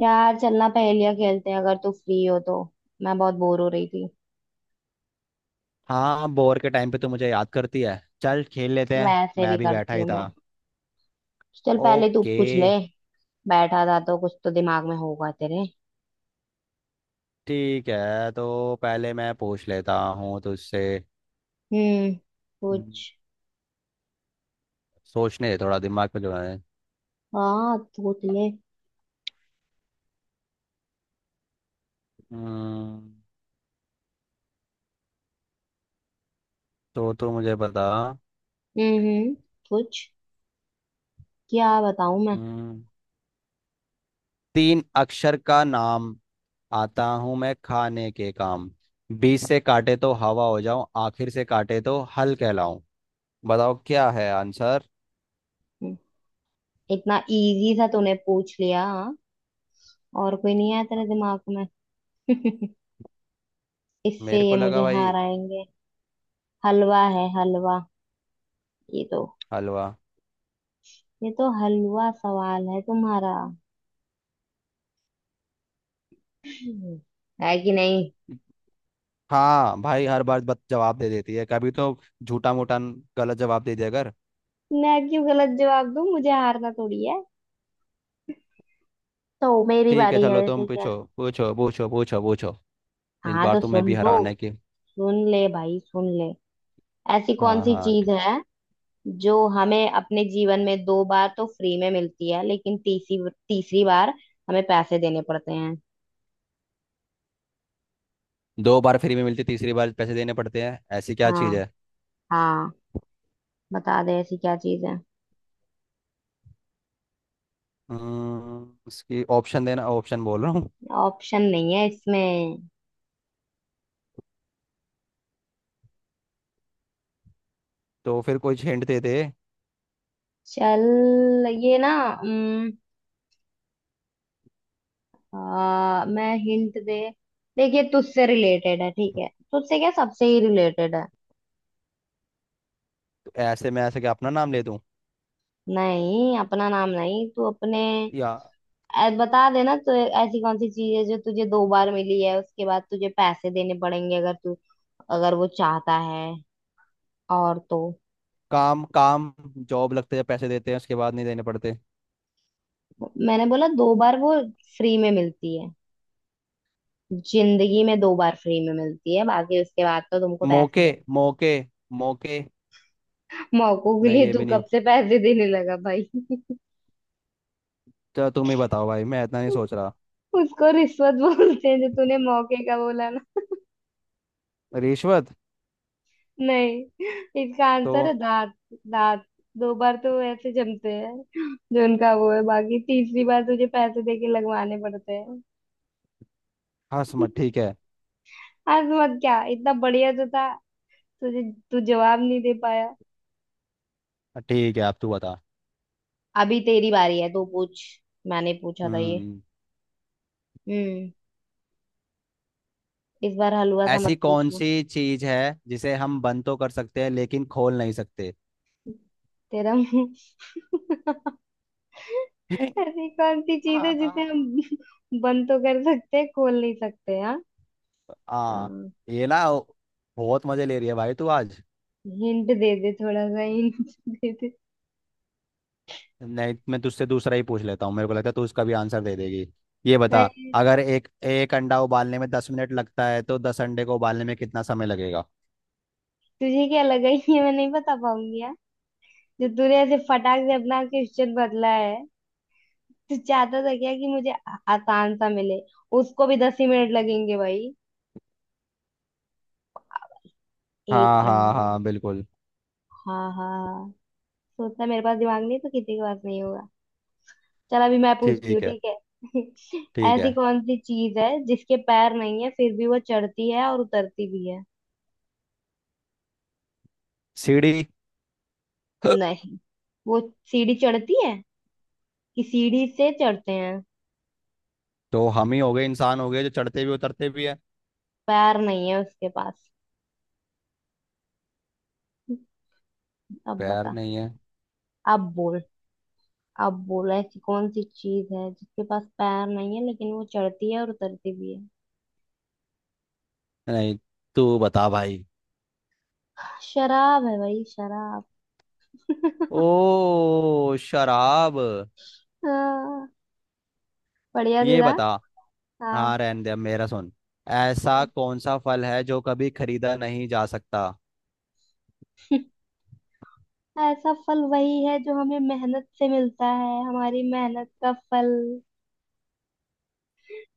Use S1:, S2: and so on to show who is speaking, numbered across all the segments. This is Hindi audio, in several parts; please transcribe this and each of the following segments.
S1: यार चलना पहेलियां खेलते हैं अगर तू फ्री हो तो। मैं बहुत बोर हो रही थी।
S2: हाँ बोर के टाइम पे तो मुझे याद करती है। चल खेल लेते हैं
S1: वैसे
S2: मैं
S1: भी
S2: भी बैठा
S1: करती
S2: ही
S1: हूँ
S2: था।
S1: मैं। चल पहले तू
S2: ओके।
S1: पूछ ले। बैठा था तो कुछ तो दिमाग में होगा तेरे।
S2: ठीक है तो पहले मैं पूछ लेता हूँ तुझसे।
S1: हम्म।
S2: हम्म,
S1: कुछ।
S2: सोचने दे थोड़ा दिमाग पे जो है।
S1: हाँ सोच ले।
S2: हम्म, तो तू मुझे बता।
S1: हम्म हम्म, कुछ। क्या बताऊं मैं।
S2: हम्म, तीन अक्षर का नाम, आता हूँ मैं खाने के काम। बीच से काटे तो हवा हो जाऊं, आखिर से काटे तो हल कहलाऊं। बताओ क्या है आंसर।
S1: हम्म, इतना इजी सा तूने पूछ लिया हाँ? और कोई नहीं आया तेरे दिमाग में। इससे
S2: मेरे
S1: ये
S2: को
S1: मुझे
S2: लगा भाई
S1: हराएंगे। हलवा है हलवा। ये तो
S2: हलवा।
S1: ये तो हलवा सवाल है तुम्हारा। है कि नहीं।
S2: हाँ भाई हर बार बस जवाब दे देती है कभी तो, झूठा मूठा गलत जवाब दे दिया कर।
S1: मैं क्यों गलत जवाब दूं मुझे हारना थोड़ी है। तो मेरी
S2: ठीक है
S1: बारी
S2: चलो
S1: है
S2: तुम
S1: ठीक है।
S2: पूछो पूछो पूछो पूछो पूछो। इस
S1: हाँ
S2: बार
S1: तो
S2: तुम्हें भी
S1: सुन दो।
S2: हराने की।
S1: सुन ले भाई सुन ले। ऐसी कौन
S2: हाँ
S1: सी
S2: हाँ
S1: चीज है जो हमें अपने जीवन में दो बार तो फ्री में मिलती है लेकिन तीसरी तीसरी बार हमें पैसे देने पड़ते हैं।
S2: 2 बार फ्री में मिलती, तीसरी बार पैसे देने पड़ते हैं, ऐसी क्या चीज़
S1: हाँ।
S2: है।
S1: हाँ। बता दे ऐसी क्या चीज है।
S2: उसकी ऑप्शन देना, ऑप्शन बोल रहा हूँ।
S1: ऑप्शन नहीं है इसमें।
S2: तो फिर कोई हिंट दे दे।
S1: चल ये ना। उम, मैं हिंट दे। देखिए तुझसे रिलेटेड है ठीक है तुझसे क्या सबसे ही रिलेटेड है।
S2: तो ऐसे मैं ऐसे क्या अपना नाम ले दूँ,
S1: नहीं अपना नाम नहीं तू अपने।
S2: या
S1: बता देना तो। ऐसी कौन सी चीज है जो तुझे दो बार मिली है उसके बाद तुझे पैसे देने पड़ेंगे अगर तू अगर वो चाहता है। और तो
S2: काम काम, जॉब लगते हैं पैसे देते हैं उसके बाद नहीं देने पड़ते।
S1: मैंने बोला दो बार वो फ्री में मिलती है। जिंदगी में दो बार फ्री में मिलती है बाकी उसके बाद तो तुमको पैसे
S2: मौके
S1: देने।
S2: मौके मौके।
S1: मौकों के
S2: नहीं
S1: लिए
S2: ये
S1: तू
S2: भी नहीं हो।
S1: कब से पैसे देने लगा भाई।
S2: चलो तुम ही बताओ भाई, मैं इतना नहीं सोच रहा।
S1: उसको रिश्वत बोलते हैं जो तूने मौके का बोला।
S2: रिश्वत।
S1: नहीं इसका आंसर है
S2: तो
S1: दांत। दांत दो बार तो ऐसे जमते हैं जो उनका वो है बाकी तीसरी बार तुझे पैसे देके लगवाने पड़ते हैं।
S2: हाँ समझ, ठीक है।
S1: आज मत क्या इतना बढ़िया तो था तुझे। तू जवाब नहीं दे पाया।
S2: ठीक है अब तू बता।
S1: अभी तेरी बारी है तू पूछ। मैंने पूछा था ये।
S2: हम्म
S1: हम्म। इस बार हलवा सा
S2: ऐसी
S1: मत
S2: कौन
S1: पूछना।
S2: सी चीज है जिसे हम बंद तो कर सकते हैं लेकिन खोल नहीं सकते।
S1: तेरा मुंह। ऐसी कौन सी चीज
S2: हाँ
S1: है जिसे
S2: हाँ
S1: हम बंद तो कर सकते हैं खोल नहीं सकते हाँ।
S2: हाँ,
S1: हाँ,
S2: ये ना बहुत मजे ले रही है भाई तू आज।
S1: हिंट दे दे थोड़ा सा हिंट दे दे।
S2: नहीं मैं तुझसे दूसरा ही पूछ लेता हूँ, मेरे को लगता है तू उसका भी आंसर दे देगी। ये बता,
S1: मैं
S2: अगर एक एक अंडा उबालने में 10 मिनट लगता है तो 10 अंडे को उबालने में कितना समय लगेगा।
S1: तुझे क्या लगा ये मैं नहीं बता पाऊंगी यार। जो तूने ऐसे फटाक से अपना क्वेश्चन बदला है। तू चाहता था क्या कि मुझे आसान सा मिले। उसको भी 10 ही मिनट लगेंगे भाई। एक
S2: हाँ हाँ
S1: अंडे।
S2: हाँ बिल्कुल।
S1: हाँ हाँ। सोचता मेरे पास दिमाग नहीं तो किसी के पास नहीं होगा। चल अभी मैं पूछती हूँ
S2: ठीक है।
S1: ठीक है।
S2: ठीक
S1: ऐसी
S2: है।
S1: कौन सी चीज है जिसके पैर नहीं है फिर भी वो चढ़ती है और उतरती भी है।
S2: सीढ़ी।
S1: नहीं वो सीढ़ी चढ़ती है कि सीढ़ी से चढ़ते हैं।
S2: तो हम ही हो गए, इंसान हो गए जो चढ़ते भी उतरते भी है।
S1: पैर नहीं है उसके पास। अब
S2: पैर
S1: बता।
S2: नहीं है।
S1: अब बोल। अब बोल ऐसी कौन सी चीज है जिसके पास पैर नहीं है लेकिन वो चढ़ती है और उतरती भी है।
S2: नहीं, तू बता भाई।
S1: शराब है भाई शराब।
S2: ओ शराब।
S1: हाँ, बढ़िया
S2: ये
S1: जीरा।
S2: बता। हाँ
S1: हाँ।
S2: रहने दे, अब मेरा सुन। ऐसा कौन सा फल है जो कभी खरीदा नहीं जा सकता।
S1: ऐसा फल वही है जो हमें मेहनत से मिलता है हमारी मेहनत का फल।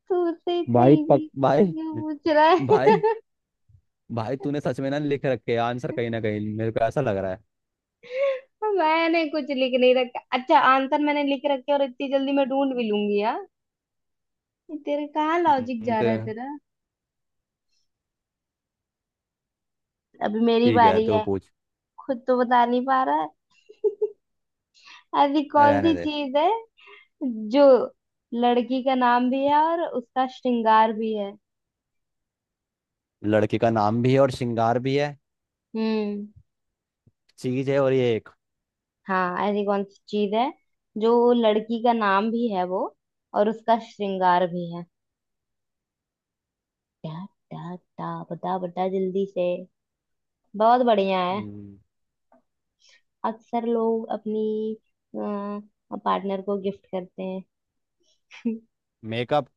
S1: तू से
S2: भाई
S1: सही
S2: पक
S1: भी
S2: भाई।
S1: क्यों पूछ रहा है।
S2: भाई भाई तूने सच में ना लिख रखे आंसर कहीं ना कहीं, मेरे को ऐसा लग रहा है।
S1: मैंने कुछ लिख नहीं रखा अच्छा आंसर मैंने लिख रखे और इतनी जल्दी मैं ढूंढ भी लूंगी हाँ? ये तेरे कहाँ लॉजिक जा
S2: तो
S1: रहा है तेरा। अभी मेरी
S2: ठीक है
S1: बारी
S2: तू
S1: है।
S2: पूछ।
S1: खुद तो बता नहीं पा रहा है। ऐसी कौन
S2: रहने
S1: सी
S2: दे।
S1: चीज है जो लड़की का नाम भी है और उसका श्रृंगार भी है।
S2: लड़की का नाम भी है और श्रृंगार भी है।
S1: हम्म।
S2: चीज है और ये एक।
S1: हाँ ऐसी कौन सी चीज है जो लड़की का नाम भी है वो और उसका श्रृंगार भी है। टा। टा टा बता बता जल्दी से। बहुत बढ़िया है।
S2: हम्म,
S1: अक्सर लोग अपनी पार्टनर को गिफ्ट करते हैं।
S2: मेकअप।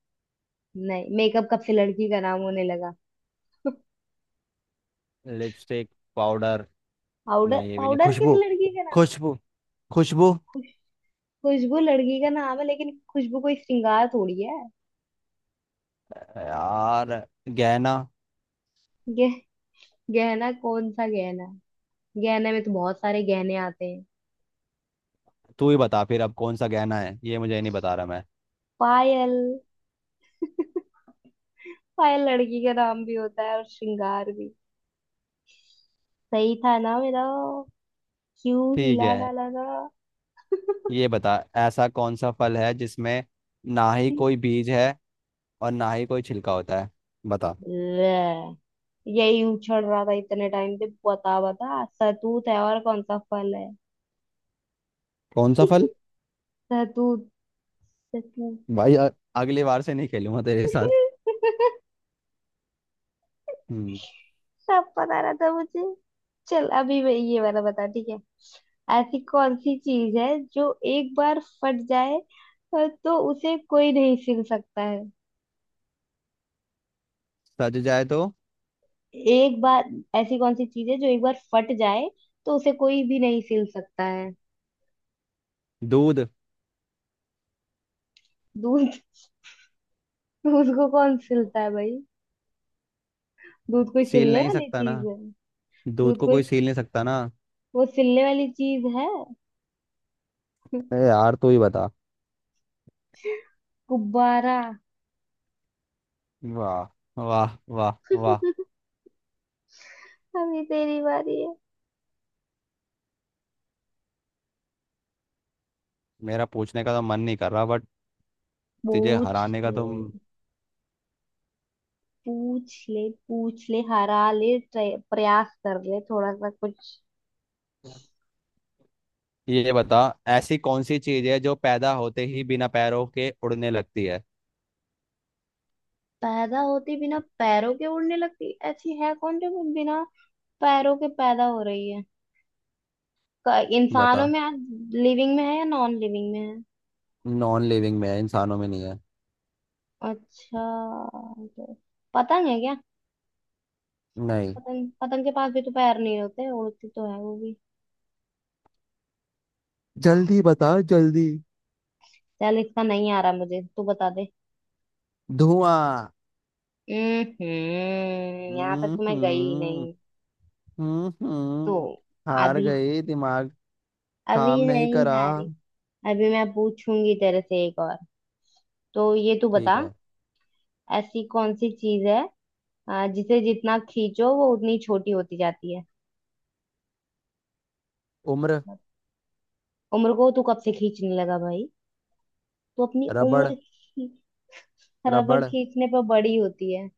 S1: नहीं मेकअप कब से लड़की का नाम होने लगा।
S2: लिपस्टिक। पाउडर।
S1: पाउडर
S2: नहीं ये भी नहीं,
S1: पाउडर किस
S2: खुशबू
S1: लड़की का नाम।
S2: खुशबू खुशबू।
S1: खुशबू लड़की का नाम है लेकिन खुशबू कोई श्रृंगार थोड़ी है।
S2: यार गहना।
S1: गे, गहना कौन सा गहना। गहने में तो बहुत सारे गहने आते हैं।
S2: तू ही बता फिर अब कौन सा गहना है, ये मुझे नहीं बता रहा मैं।
S1: पायल। पायल लड़की का नाम भी होता है और श्रृंगार भी। सही था ना मेरा। क्यों
S2: ठीक
S1: हिला
S2: है।
S1: डाला ना।
S2: ये बता, ऐसा कौन सा फल है जिसमें ना ही कोई बीज है और ना ही कोई छिलका होता है। बता।
S1: ले, यही उछल रहा था इतने टाइम से बता बता सतूत है और कौन सा फल है।
S2: कौन सा फल।
S1: सतूत। सतूत।
S2: भाई अगली बार से नहीं खेलूंगा तेरे साथ।
S1: सब
S2: हम्म।
S1: पता रहा था मुझे। चल अभी मैं ये वाला बता ठीक है। ऐसी कौन सी चीज है जो एक बार फट जाए तो उसे कोई नहीं सिल सकता है।
S2: सज जाए तो।
S1: एक बार ऐसी कौन सी चीज है जो एक बार फट जाए तो उसे कोई भी नहीं सिल सकता है।
S2: दूध।
S1: दूध। दूध को कौन सिलता है भाई। दूध कोई
S2: सील
S1: सिलने
S2: नहीं
S1: वाली
S2: सकता ना।
S1: चीज है।
S2: दूध
S1: दूध
S2: को
S1: कोई
S2: कोई सील नहीं सकता ना।
S1: वो सिलने वाली चीज है।
S2: ए यार तू ही बता।
S1: गुब्बारा।
S2: वाह वाह वाह। वाह।
S1: अभी तेरी बारी है।
S2: मेरा पूछने का तो मन नहीं कर रहा बट, तुझे
S1: पूछ
S2: हराने का तुम।
S1: ले। पूछ ले पूछ ले हरा ले प्रयास कर ले थोड़ा सा कुछ।
S2: ये बता, ऐसी कौन सी चीज है जो पैदा होते ही बिना पैरों के उड़ने लगती है।
S1: पैदा होती बिना पैरों के उड़ने लगती ऐसी है कौन जो बिना पैरों के पैदा हो रही है।
S2: बता।
S1: इंसानों में। लिविंग में है या नॉन लिविंग में है।
S2: नॉन लिविंग में है, इंसानों में नहीं है।
S1: अच्छा। तो पतंग है क्या।
S2: नहीं।
S1: पतंग पतंग के पास भी तो पैर नहीं होते उड़ती तो है वो भी।
S2: जल्दी बता जल्दी।
S1: चल इसका नहीं आ रहा मुझे तू बता दे।
S2: धुआं।
S1: हम्म। यहाँ तक तो मैं गई ही
S2: हम्म।
S1: नहीं।
S2: हम्म।
S1: तो
S2: हम्म। हार
S1: अभी
S2: गई दिमाग।
S1: अभी
S2: काम नहीं
S1: नहीं
S2: करा।
S1: हारी। अभी मैं पूछूंगी तेरे से एक और। तो ये तू
S2: ठीक
S1: बता।
S2: है।
S1: ऐसी कौन सी चीज है जिसे जितना खींचो वो उतनी छोटी होती जाती है।
S2: उम्र।
S1: उम्र को तू कब से खींचने लगा भाई। तू अपनी
S2: रबड़।
S1: उम्र रबड़
S2: रबड़।
S1: खींचने पर बड़ी होती है।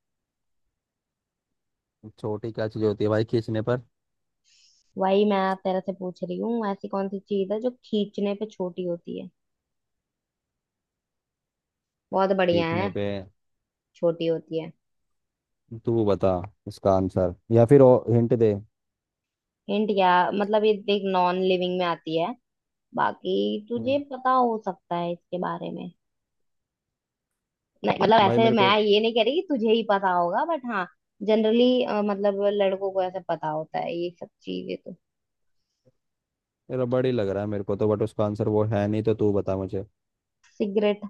S2: छोटी क्या चीज होती है भाई खींचने पर।
S1: वही मैं तेरे से पूछ रही हूँ ऐसी कौन सी चीज है जो खींचने पे छोटी होती है। बहुत बढ़िया
S2: खींचने
S1: है।
S2: पे
S1: छोटी होती है।
S2: तू बता इसका आंसर, या फिर हिंट दे।
S1: हिंट क्या मतलब ये देख नॉन लिविंग में आती है। बाकी
S2: हम्म,
S1: तुझे पता हो सकता है इसके बारे में। नहीं मतलब
S2: भाई
S1: ऐसे
S2: मेरे
S1: मैं
S2: को
S1: ये नहीं कह रही कि तुझे ही पता होगा बट हाँ जनरली मतलब लड़कों को ऐसे पता होता है ये सब चीजें तो।
S2: रबड़ ही लग रहा है मेरे को तो, बट उसका आंसर वो है नहीं तो तू बता मुझे।
S1: सिगरेट।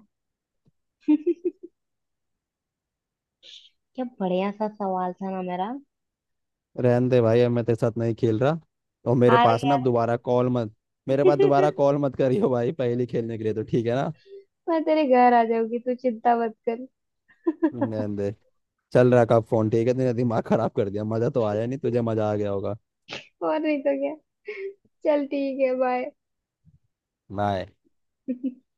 S1: क्या बढ़िया सा सवाल था ना मेरा।
S2: रहने दे भाई अब मैं तेरे साथ नहीं खेल रहा। और मेरे
S1: हार
S2: पास ना
S1: गया
S2: अब
S1: ना।
S2: दोबारा कॉल मत। मेरे पास दोबारा कॉल मत करियो भाई, पहली खेलने के लिए तो ठीक है ना।
S1: मैं तेरे घर आ जाऊंगी तू चिंता मत कर।
S2: रहने दे। चल रहा का फोन, ठीक है तेरा दिमाग खराब कर दिया, मजा तो आया नहीं तुझे, मजा आ गया होगा।
S1: और नहीं तो क्या। चल ठीक है बाय।
S2: बाय।